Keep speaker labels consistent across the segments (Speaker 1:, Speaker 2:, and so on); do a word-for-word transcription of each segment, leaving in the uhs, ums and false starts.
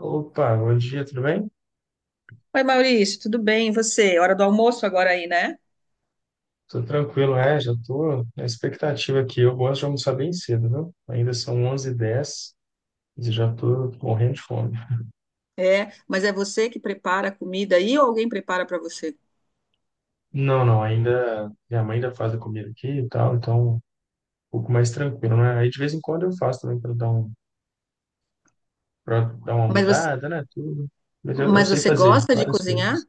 Speaker 1: Opa, bom dia, tudo bem?
Speaker 2: Oi, Maurício, tudo bem? E você? Hora do almoço agora aí, né?
Speaker 1: Tô tranquilo, é, já tô na expectativa aqui. Eu gosto de almoçar bem cedo, viu? Ainda são onze h 10 e já tô morrendo de fome.
Speaker 2: É, mas é você que prepara a comida aí ou alguém prepara para você?
Speaker 1: Não, não, ainda minha mãe ainda faz a comida aqui e tal, então um pouco mais tranquilo, né? Aí de vez em quando eu faço também para dar um, para dar uma
Speaker 2: Mas você,
Speaker 1: mudada, né, tudo. Mas eu, eu
Speaker 2: mas
Speaker 1: sei
Speaker 2: você
Speaker 1: fazer
Speaker 2: gosta de
Speaker 1: várias coisas.
Speaker 2: cozinhar?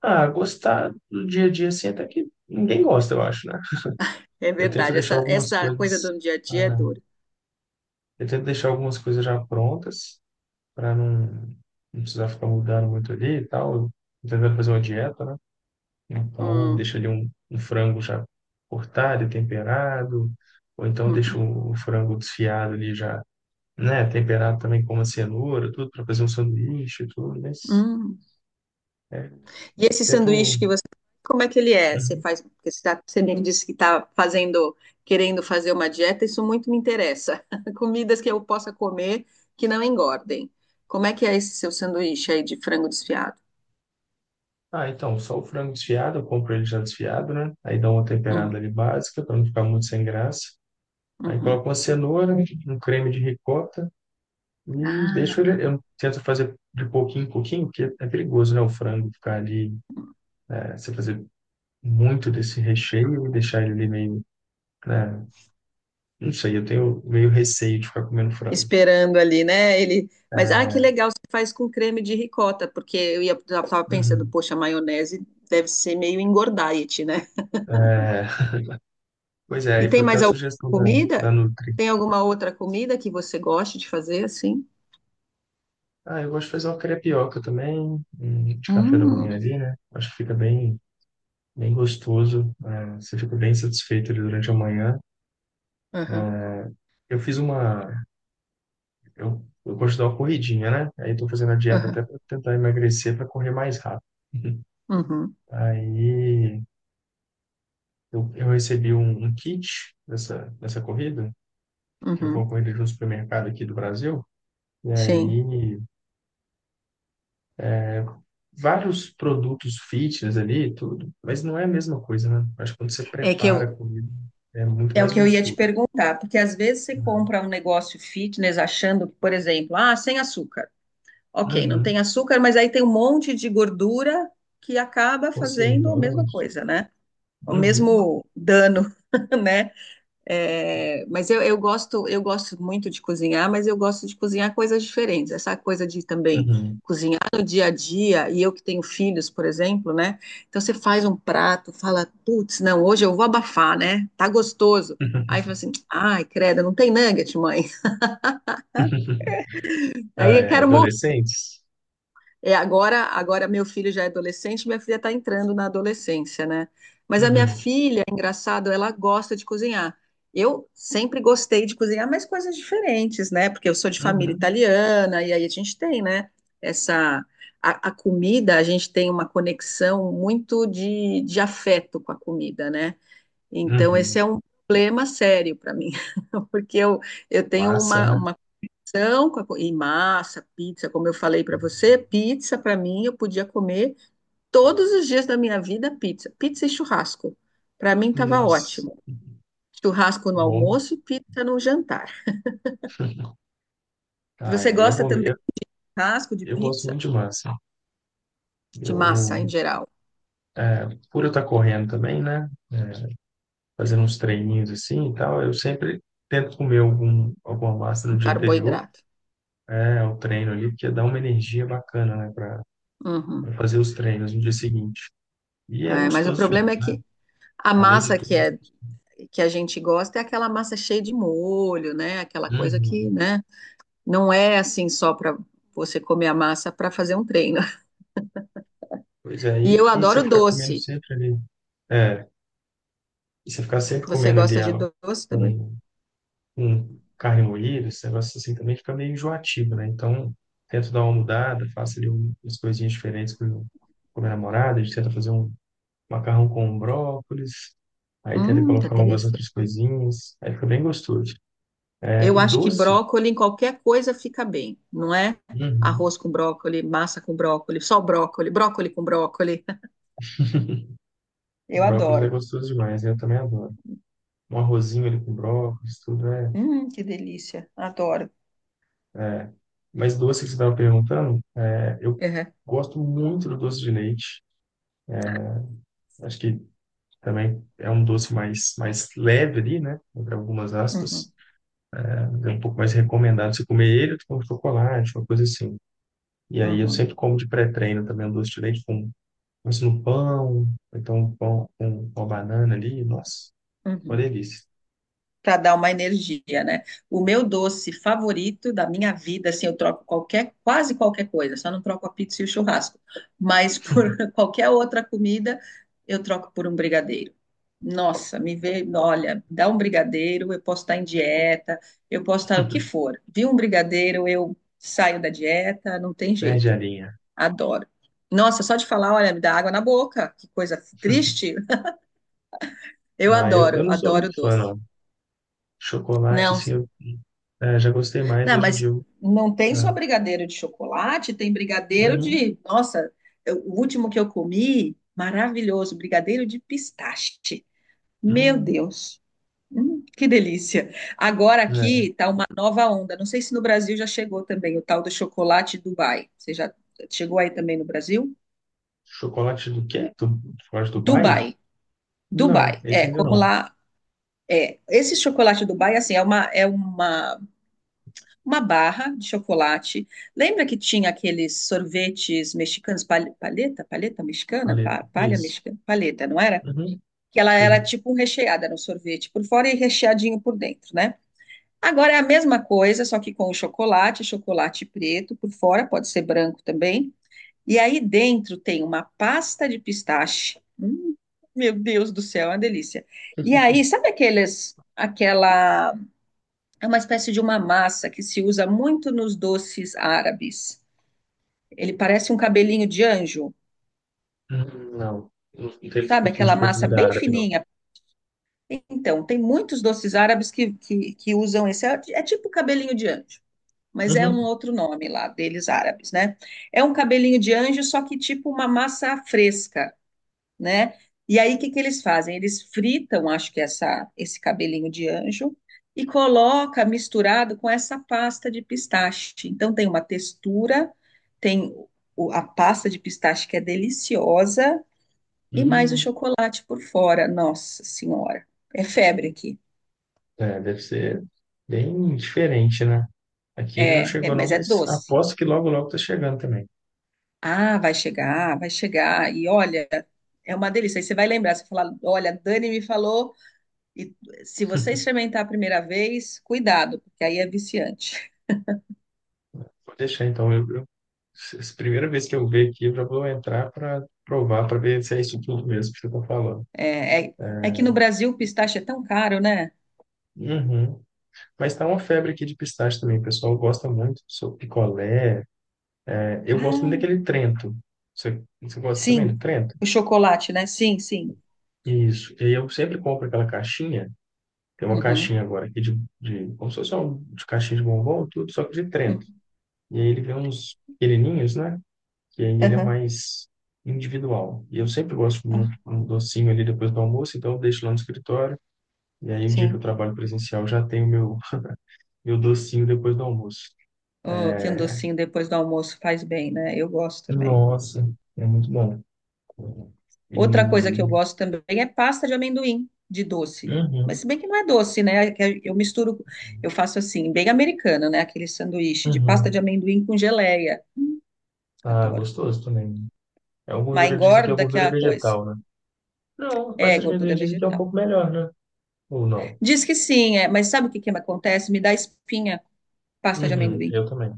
Speaker 1: Ah, gostar do dia a dia assim até que ninguém gosta, eu acho, né?
Speaker 2: É
Speaker 1: Eu tento
Speaker 2: verdade,
Speaker 1: deixar
Speaker 2: essa,
Speaker 1: algumas
Speaker 2: essa coisa
Speaker 1: coisas,
Speaker 2: do dia a dia é
Speaker 1: ah,
Speaker 2: dura.
Speaker 1: eu tento deixar algumas coisas já prontas para não, não precisar ficar mudando muito ali e tal. Tentando fazer uma dieta, né? Então,
Speaker 2: Hum,
Speaker 1: deixa ali um, um frango já cortado e temperado, ou então deixa
Speaker 2: uhum,
Speaker 1: o, o frango desfiado ali já, né? Temperado também com uma cenoura, tudo, para fazer um sanduíche e tudo, mas
Speaker 2: hum.
Speaker 1: é,
Speaker 2: E esse sanduíche
Speaker 1: tento.
Speaker 2: que você, como é que ele é? Você
Speaker 1: Uhum.
Speaker 2: faz, porque você, tá- você me disse que está fazendo, querendo fazer uma dieta, isso muito me interessa. Comidas que eu possa comer que não engordem. Como é que é esse seu sanduíche aí de frango desfiado?
Speaker 1: Ah, então, só o frango desfiado, eu compro ele já desfiado, né? Aí dá uma
Speaker 2: Uhum,
Speaker 1: temperada ali básica, para não ficar muito sem graça. Aí
Speaker 2: uhum.
Speaker 1: coloco uma cenoura, um creme de ricota, e deixo
Speaker 2: Ah,
Speaker 1: ele, eu tento fazer de pouquinho em pouquinho, porque é perigoso, né? O frango ficar ali, é, você fazer muito desse recheio e deixar ele ali meio, né? Não sei, eu tenho meio receio de ficar comendo frango.
Speaker 2: esperando ali, né? Ele, mas ah, que
Speaker 1: É,
Speaker 2: legal, você faz com creme de ricota, porque eu ia, eu tava pensando,
Speaker 1: uhum.
Speaker 2: poxa, maionese deve ser meio engordaiete, né?
Speaker 1: É, pois é,
Speaker 2: E
Speaker 1: aí
Speaker 2: tem
Speaker 1: foi até a
Speaker 2: mais alguma
Speaker 1: sugestão da, da,
Speaker 2: comida?
Speaker 1: Nutri.
Speaker 2: Tem alguma outra comida que você goste de fazer assim?
Speaker 1: Ah, eu gosto de fazer uma crepioca também, hum, de café da
Speaker 2: Hum,
Speaker 1: manhã ali, né? Acho que fica bem, bem gostoso, é, você fica bem satisfeito ali durante a manhã.
Speaker 2: aham,
Speaker 1: É, eu fiz uma Eu, eu gosto de dar uma corridinha, né? Aí estou fazendo a dieta
Speaker 2: aham,
Speaker 1: até para tentar emagrecer para correr mais rápido.
Speaker 2: uhum,
Speaker 1: Aí eu, eu recebi um, um kit dessa, dessa corrida, que eu vou
Speaker 2: uhum,
Speaker 1: corrida de um supermercado aqui do Brasil, e aí
Speaker 2: sim.
Speaker 1: vários produtos fitness ali, e tudo, mas não é a mesma coisa, né? Acho que quando você
Speaker 2: É que eu,
Speaker 1: prepara a comida, é muito
Speaker 2: é o
Speaker 1: mais
Speaker 2: que eu ia te
Speaker 1: gostoso.
Speaker 2: perguntar, porque às vezes você
Speaker 1: Né?
Speaker 2: compra um negócio fitness achando por exemplo, ah, sem açúcar. Ok, não tem
Speaker 1: Uhum.
Speaker 2: açúcar, mas aí tem um monte de gordura que acaba fazendo a mesma
Speaker 1: Conservantes.
Speaker 2: coisa, né? O
Speaker 1: Uhum.
Speaker 2: mesmo dano, né? É, mas eu, eu gosto, eu gosto muito de cozinhar, mas eu gosto de cozinhar coisas diferentes. Essa coisa de também
Speaker 1: Uhum.
Speaker 2: cozinhar no dia a dia, e eu que tenho filhos, por exemplo, né? Então você faz um prato, fala, putz, não, hoje eu vou abafar, né? Tá gostoso. Aí fala assim, ai, credo, não tem nugget, mãe. Aí
Speaker 1: Ah,
Speaker 2: eu
Speaker 1: é,
Speaker 2: quero morrer.
Speaker 1: adolescentes?
Speaker 2: É, agora, agora meu filho já é adolescente, minha filha está entrando na adolescência, né? Mas a minha
Speaker 1: Uhum.
Speaker 2: filha, engraçado, ela gosta de cozinhar. Eu sempre gostei de cozinhar, mas coisas diferentes, né? Porque eu sou de família
Speaker 1: Uhum.
Speaker 2: italiana e aí a gente tem, né? Essa a, a comida, a gente tem uma conexão muito de, de afeto com a comida, né? Então esse
Speaker 1: Uhum.
Speaker 2: é um problema sério para mim, porque eu, eu tenho
Speaker 1: Massa,
Speaker 2: uma,
Speaker 1: né?
Speaker 2: uma são com a co- e massa, pizza, como eu falei para você, pizza para mim eu podia comer todos os dias da minha vida pizza, pizza e churrasco. Para mim estava
Speaker 1: Nossa,
Speaker 2: ótimo. Churrasco no
Speaker 1: bom.
Speaker 2: almoço, pizza no jantar.
Speaker 1: Ah,
Speaker 2: Você
Speaker 1: aí é
Speaker 2: gosta
Speaker 1: bom.
Speaker 2: também
Speaker 1: Eu,
Speaker 2: de churrasco, de
Speaker 1: eu gosto
Speaker 2: pizza,
Speaker 1: muito de massa.
Speaker 2: de
Speaker 1: Eu,
Speaker 2: massa em geral,
Speaker 1: é, por eu estar correndo também, né? É, fazendo uns treininhos assim e tal, eu sempre tento comer algum, alguma massa no
Speaker 2: de
Speaker 1: dia anterior,
Speaker 2: carboidrato.
Speaker 1: é, ao treino ali, porque dá uma energia bacana, né? Para
Speaker 2: Uhum.
Speaker 1: fazer os treinos no dia seguinte. E é
Speaker 2: É, mas o
Speaker 1: gostoso
Speaker 2: problema
Speaker 1: demais,
Speaker 2: é
Speaker 1: né?
Speaker 2: que a
Speaker 1: Além de
Speaker 2: massa
Speaker 1: tudo,
Speaker 2: que
Speaker 1: é muito
Speaker 2: é
Speaker 1: gostoso.
Speaker 2: que a gente gosta é aquela massa cheia de molho, né? Aquela coisa que,
Speaker 1: Uhum.
Speaker 2: né, não é assim só para você comer a massa para fazer um treino.
Speaker 1: Pois é,
Speaker 2: E eu
Speaker 1: e, e você
Speaker 2: adoro
Speaker 1: ficar comendo
Speaker 2: doce.
Speaker 1: sempre ali. É, e você ficar sempre
Speaker 2: Você
Speaker 1: comendo ali
Speaker 2: gosta de
Speaker 1: ó,
Speaker 2: doce também?
Speaker 1: um com carne moída, esse negócio assim também fica meio enjoativo, né? Então, tento dar uma mudada, faço ali um- umas coisinhas diferentes com, com minha namorada, a gente tenta fazer um macarrão com brócolis, aí tenta
Speaker 2: Hum, que
Speaker 1: colocar umas
Speaker 2: delícia.
Speaker 1: outras coisinhas, aí fica bem gostoso. É,
Speaker 2: Eu
Speaker 1: e
Speaker 2: acho que
Speaker 1: doce,
Speaker 2: brócolis em qualquer coisa fica bem, não é?
Speaker 1: uhum.
Speaker 2: Arroz com brócolis, massa com brócolis, só brócolis, brócolis com brócolis. Eu
Speaker 1: Brócolis é
Speaker 2: adoro.
Speaker 1: gostoso demais, né? Eu também adoro. Um arrozinho ali com brócolis, tudo é...
Speaker 2: Hum, que delícia. Adoro.
Speaker 1: É. Mas doce que você estava perguntando, é, eu
Speaker 2: Uhum,
Speaker 1: gosto muito do doce de leite, acho que também é um doce mais, mais leve ali, né? Entre algumas
Speaker 2: uhum,
Speaker 1: aspas. É um pouco mais recomendado você comer ele do que um chocolate, uma coisa assim. E aí eu
Speaker 2: uhum,
Speaker 1: sempre como de pré-treino também um doce de leite com, com isso no pão, ou então um pão com com uma banana ali. Nossa, uma
Speaker 2: uhum.
Speaker 1: delícia.
Speaker 2: Para dar uma energia, né? O meu doce favorito da minha vida, assim, eu troco qualquer, quase qualquer coisa, só não troco a pizza e o churrasco, mas por qualquer outra comida, eu troco por um brigadeiro. Nossa, me vê, olha, dá um brigadeiro, eu posso estar em dieta, eu posso estar o que for. Vi um brigadeiro, eu saio da dieta, não tem
Speaker 1: Perde a
Speaker 2: jeito.
Speaker 1: linha.
Speaker 2: Adoro. Nossa, só de falar, olha, me dá água na boca, que coisa triste. Eu
Speaker 1: Ah, eu, eu
Speaker 2: adoro,
Speaker 1: não sou
Speaker 2: adoro
Speaker 1: muito fã,
Speaker 2: doce.
Speaker 1: não. Chocolate,
Speaker 2: Não,
Speaker 1: assim, eu eh, já gostei mais.
Speaker 2: Não,
Speaker 1: Hoje em dia,
Speaker 2: mas
Speaker 1: eu,
Speaker 2: não tem só
Speaker 1: ah,
Speaker 2: brigadeiro de chocolate, tem brigadeiro
Speaker 1: uhum,
Speaker 2: de. Nossa, eu- o último que eu comi, maravilhoso, brigadeiro de pistache. Meu
Speaker 1: hum,
Speaker 2: Deus, hum, que delícia! Agora
Speaker 1: é.
Speaker 2: aqui tá uma nova onda. Não sei se no Brasil já chegou também o tal do chocolate Dubai. Você já chegou aí também no Brasil?
Speaker 1: Chocolate do quê? Do, chocolate do Dubai?
Speaker 2: Dubai,
Speaker 1: Não,
Speaker 2: Dubai.
Speaker 1: esse
Speaker 2: É,
Speaker 1: ainda
Speaker 2: como
Speaker 1: não.
Speaker 2: lá é. Esse chocolate Dubai, assim, é uma, é uma uma barra de chocolate. Lembra que tinha aqueles sorvetes mexicanos, pal- paleta, paleta mexicana, Pa-
Speaker 1: Paleta.
Speaker 2: palha
Speaker 1: Isso.
Speaker 2: mexicana, paleta, não era?
Speaker 1: Uhum.
Speaker 2: Que ela era
Speaker 1: Sim.
Speaker 2: tipo um recheada era um sorvete por fora e recheadinho por dentro, né? Agora é a mesma coisa, só que com o chocolate, chocolate preto por fora, pode ser branco também. E aí dentro tem uma pasta de pistache. Hum, meu Deus do céu, é uma delícia. E aí, sabe aqueles, aquela é uma espécie de uma massa que se usa muito nos doces árabes. Ele parece um cabelinho de anjo,
Speaker 1: Hum, não. Não tenho
Speaker 2: sabe?
Speaker 1: costumes
Speaker 2: Aquela
Speaker 1: com a
Speaker 2: massa
Speaker 1: comida
Speaker 2: bem
Speaker 1: árabe, não.
Speaker 2: fininha. Então, tem muitos doces árabes que, que, que usam esse. É é tipo cabelinho de anjo, mas é um
Speaker 1: Uhum.
Speaker 2: outro nome lá deles árabes, né? É um cabelinho de anjo, só que tipo uma massa fresca, né? E aí, o que que eles fazem? Eles fritam, acho que essa, esse cabelinho de anjo, e coloca misturado com essa pasta de pistache. Então, tem uma textura, tem o- a pasta de pistache que é deliciosa, e mais o
Speaker 1: Hum,
Speaker 2: chocolate por fora. Nossa Senhora, é febre aqui.
Speaker 1: é, deve ser bem diferente, né? Aqui ainda não
Speaker 2: É, é,
Speaker 1: chegou, não,
Speaker 2: mas é
Speaker 1: mas
Speaker 2: doce.
Speaker 1: aposto que logo, logo tá chegando também.
Speaker 2: Ah, vai chegar, vai chegar. E olha, é uma delícia. Aí você vai lembrar, você fala, olha, a Dani me falou E se você experimentar a primeira vez, cuidado, porque aí é viciante.
Speaker 1: Vou deixar, então. Eu, eu, se- se- Primeira vez que eu ver aqui, eu já vou entrar para provar, para ver se é isso tudo mesmo que você tá falando.
Speaker 2: É, é, é que no Brasil o pistache é tão caro, né?
Speaker 1: Uhum. Mas tá uma febre aqui de pistache também. O pessoal gosta muito. Sou picolé. É, eu gosto muito
Speaker 2: Ah,
Speaker 1: daquele Trento. Você, você gosta também do
Speaker 2: sim.
Speaker 1: Trento?
Speaker 2: O chocolate, né? Sim, sim.
Speaker 1: Isso. E aí eu sempre compro aquela caixinha. Tem uma
Speaker 2: Uhum.
Speaker 1: caixinha agora aqui de, de, como se fosse um, de caixinha de bombom, tudo, só que de Trento.
Speaker 2: Uhum.
Speaker 1: E aí ele vem uns pequenininhos, né? Que aí ele é
Speaker 2: Aham.
Speaker 1: mais individual. E eu sempre gosto de um,
Speaker 2: Ah,
Speaker 1: um docinho ali depois do almoço, então eu deixo lá no escritório. E aí o dia que eu
Speaker 2: sim.
Speaker 1: trabalho presencial já tenho meu, meu docinho depois do almoço.
Speaker 2: Oh, que um docinho depois do almoço faz bem, né? Eu gosto também.
Speaker 1: Nossa, é muito bom.
Speaker 2: Outra coisa que eu
Speaker 1: E...
Speaker 2: gosto também é pasta de amendoim, de doce. Mas
Speaker 1: Uhum,
Speaker 2: se bem que não é doce, né? É que Eu misturo, eu faço assim, bem americano, né? Aquele sanduíche de pasta de
Speaker 1: uhum.
Speaker 2: amendoim com geleia.
Speaker 1: Ah,
Speaker 2: Adoro.
Speaker 1: gostoso também. É uma
Speaker 2: Mas
Speaker 1: gordura, dizem que é
Speaker 2: engorda que é
Speaker 1: gordura
Speaker 2: uma coisa.
Speaker 1: vegetal, né? Não,
Speaker 2: É
Speaker 1: pasta de amendoim
Speaker 2: gordura
Speaker 1: dizem que é um
Speaker 2: vegetal.
Speaker 1: pouco melhor, né? Ou não?
Speaker 2: Diz que sim, é, mas sabe o que que acontece? Me dá espinha, pasta de
Speaker 1: Uhum,
Speaker 2: amendoim.
Speaker 1: eu também.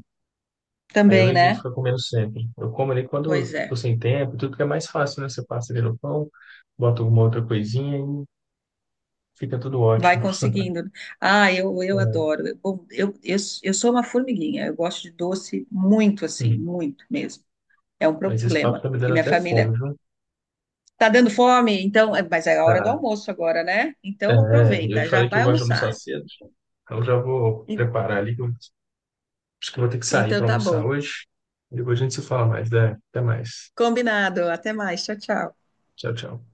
Speaker 1: Aí eu
Speaker 2: Também,
Speaker 1: evito
Speaker 2: né?
Speaker 1: ficar comendo sempre. Eu como ali quando eu
Speaker 2: Pois
Speaker 1: tô
Speaker 2: é.
Speaker 1: sem tempo, tudo que é mais fácil, né? Você passa ali no pão, bota alguma outra coisinha e fica tudo
Speaker 2: Vai
Speaker 1: ótimo.
Speaker 2: conseguindo. Ah, eu, eu
Speaker 1: É.
Speaker 2: adoro. Eu- Bom, eu, eu, eu sou uma formiguinha. Eu gosto de doce muito assim,
Speaker 1: Uhum.
Speaker 2: muito mesmo. É um
Speaker 1: Mas esse papo
Speaker 2: problema.
Speaker 1: tá me
Speaker 2: E
Speaker 1: dando
Speaker 2: minha
Speaker 1: até
Speaker 2: família
Speaker 1: fome, viu?
Speaker 2: tá dando fome, então, é, mas é a hora do
Speaker 1: Tá.
Speaker 2: almoço agora, né? Então
Speaker 1: É, eu te
Speaker 2: aproveita, já
Speaker 1: falei que eu
Speaker 2: vai
Speaker 1: gosto de almoçar
Speaker 2: almoçar.
Speaker 1: cedo. Então já vou
Speaker 2: E-
Speaker 1: preparar ali, que eu acho que eu vou ter que sair para
Speaker 2: Então tá
Speaker 1: almoçar
Speaker 2: bom.
Speaker 1: hoje. Depois a gente se fala mais, né? Até mais.
Speaker 2: Combinado. Até mais. Tchau, tchau.
Speaker 1: Tchau, tchau.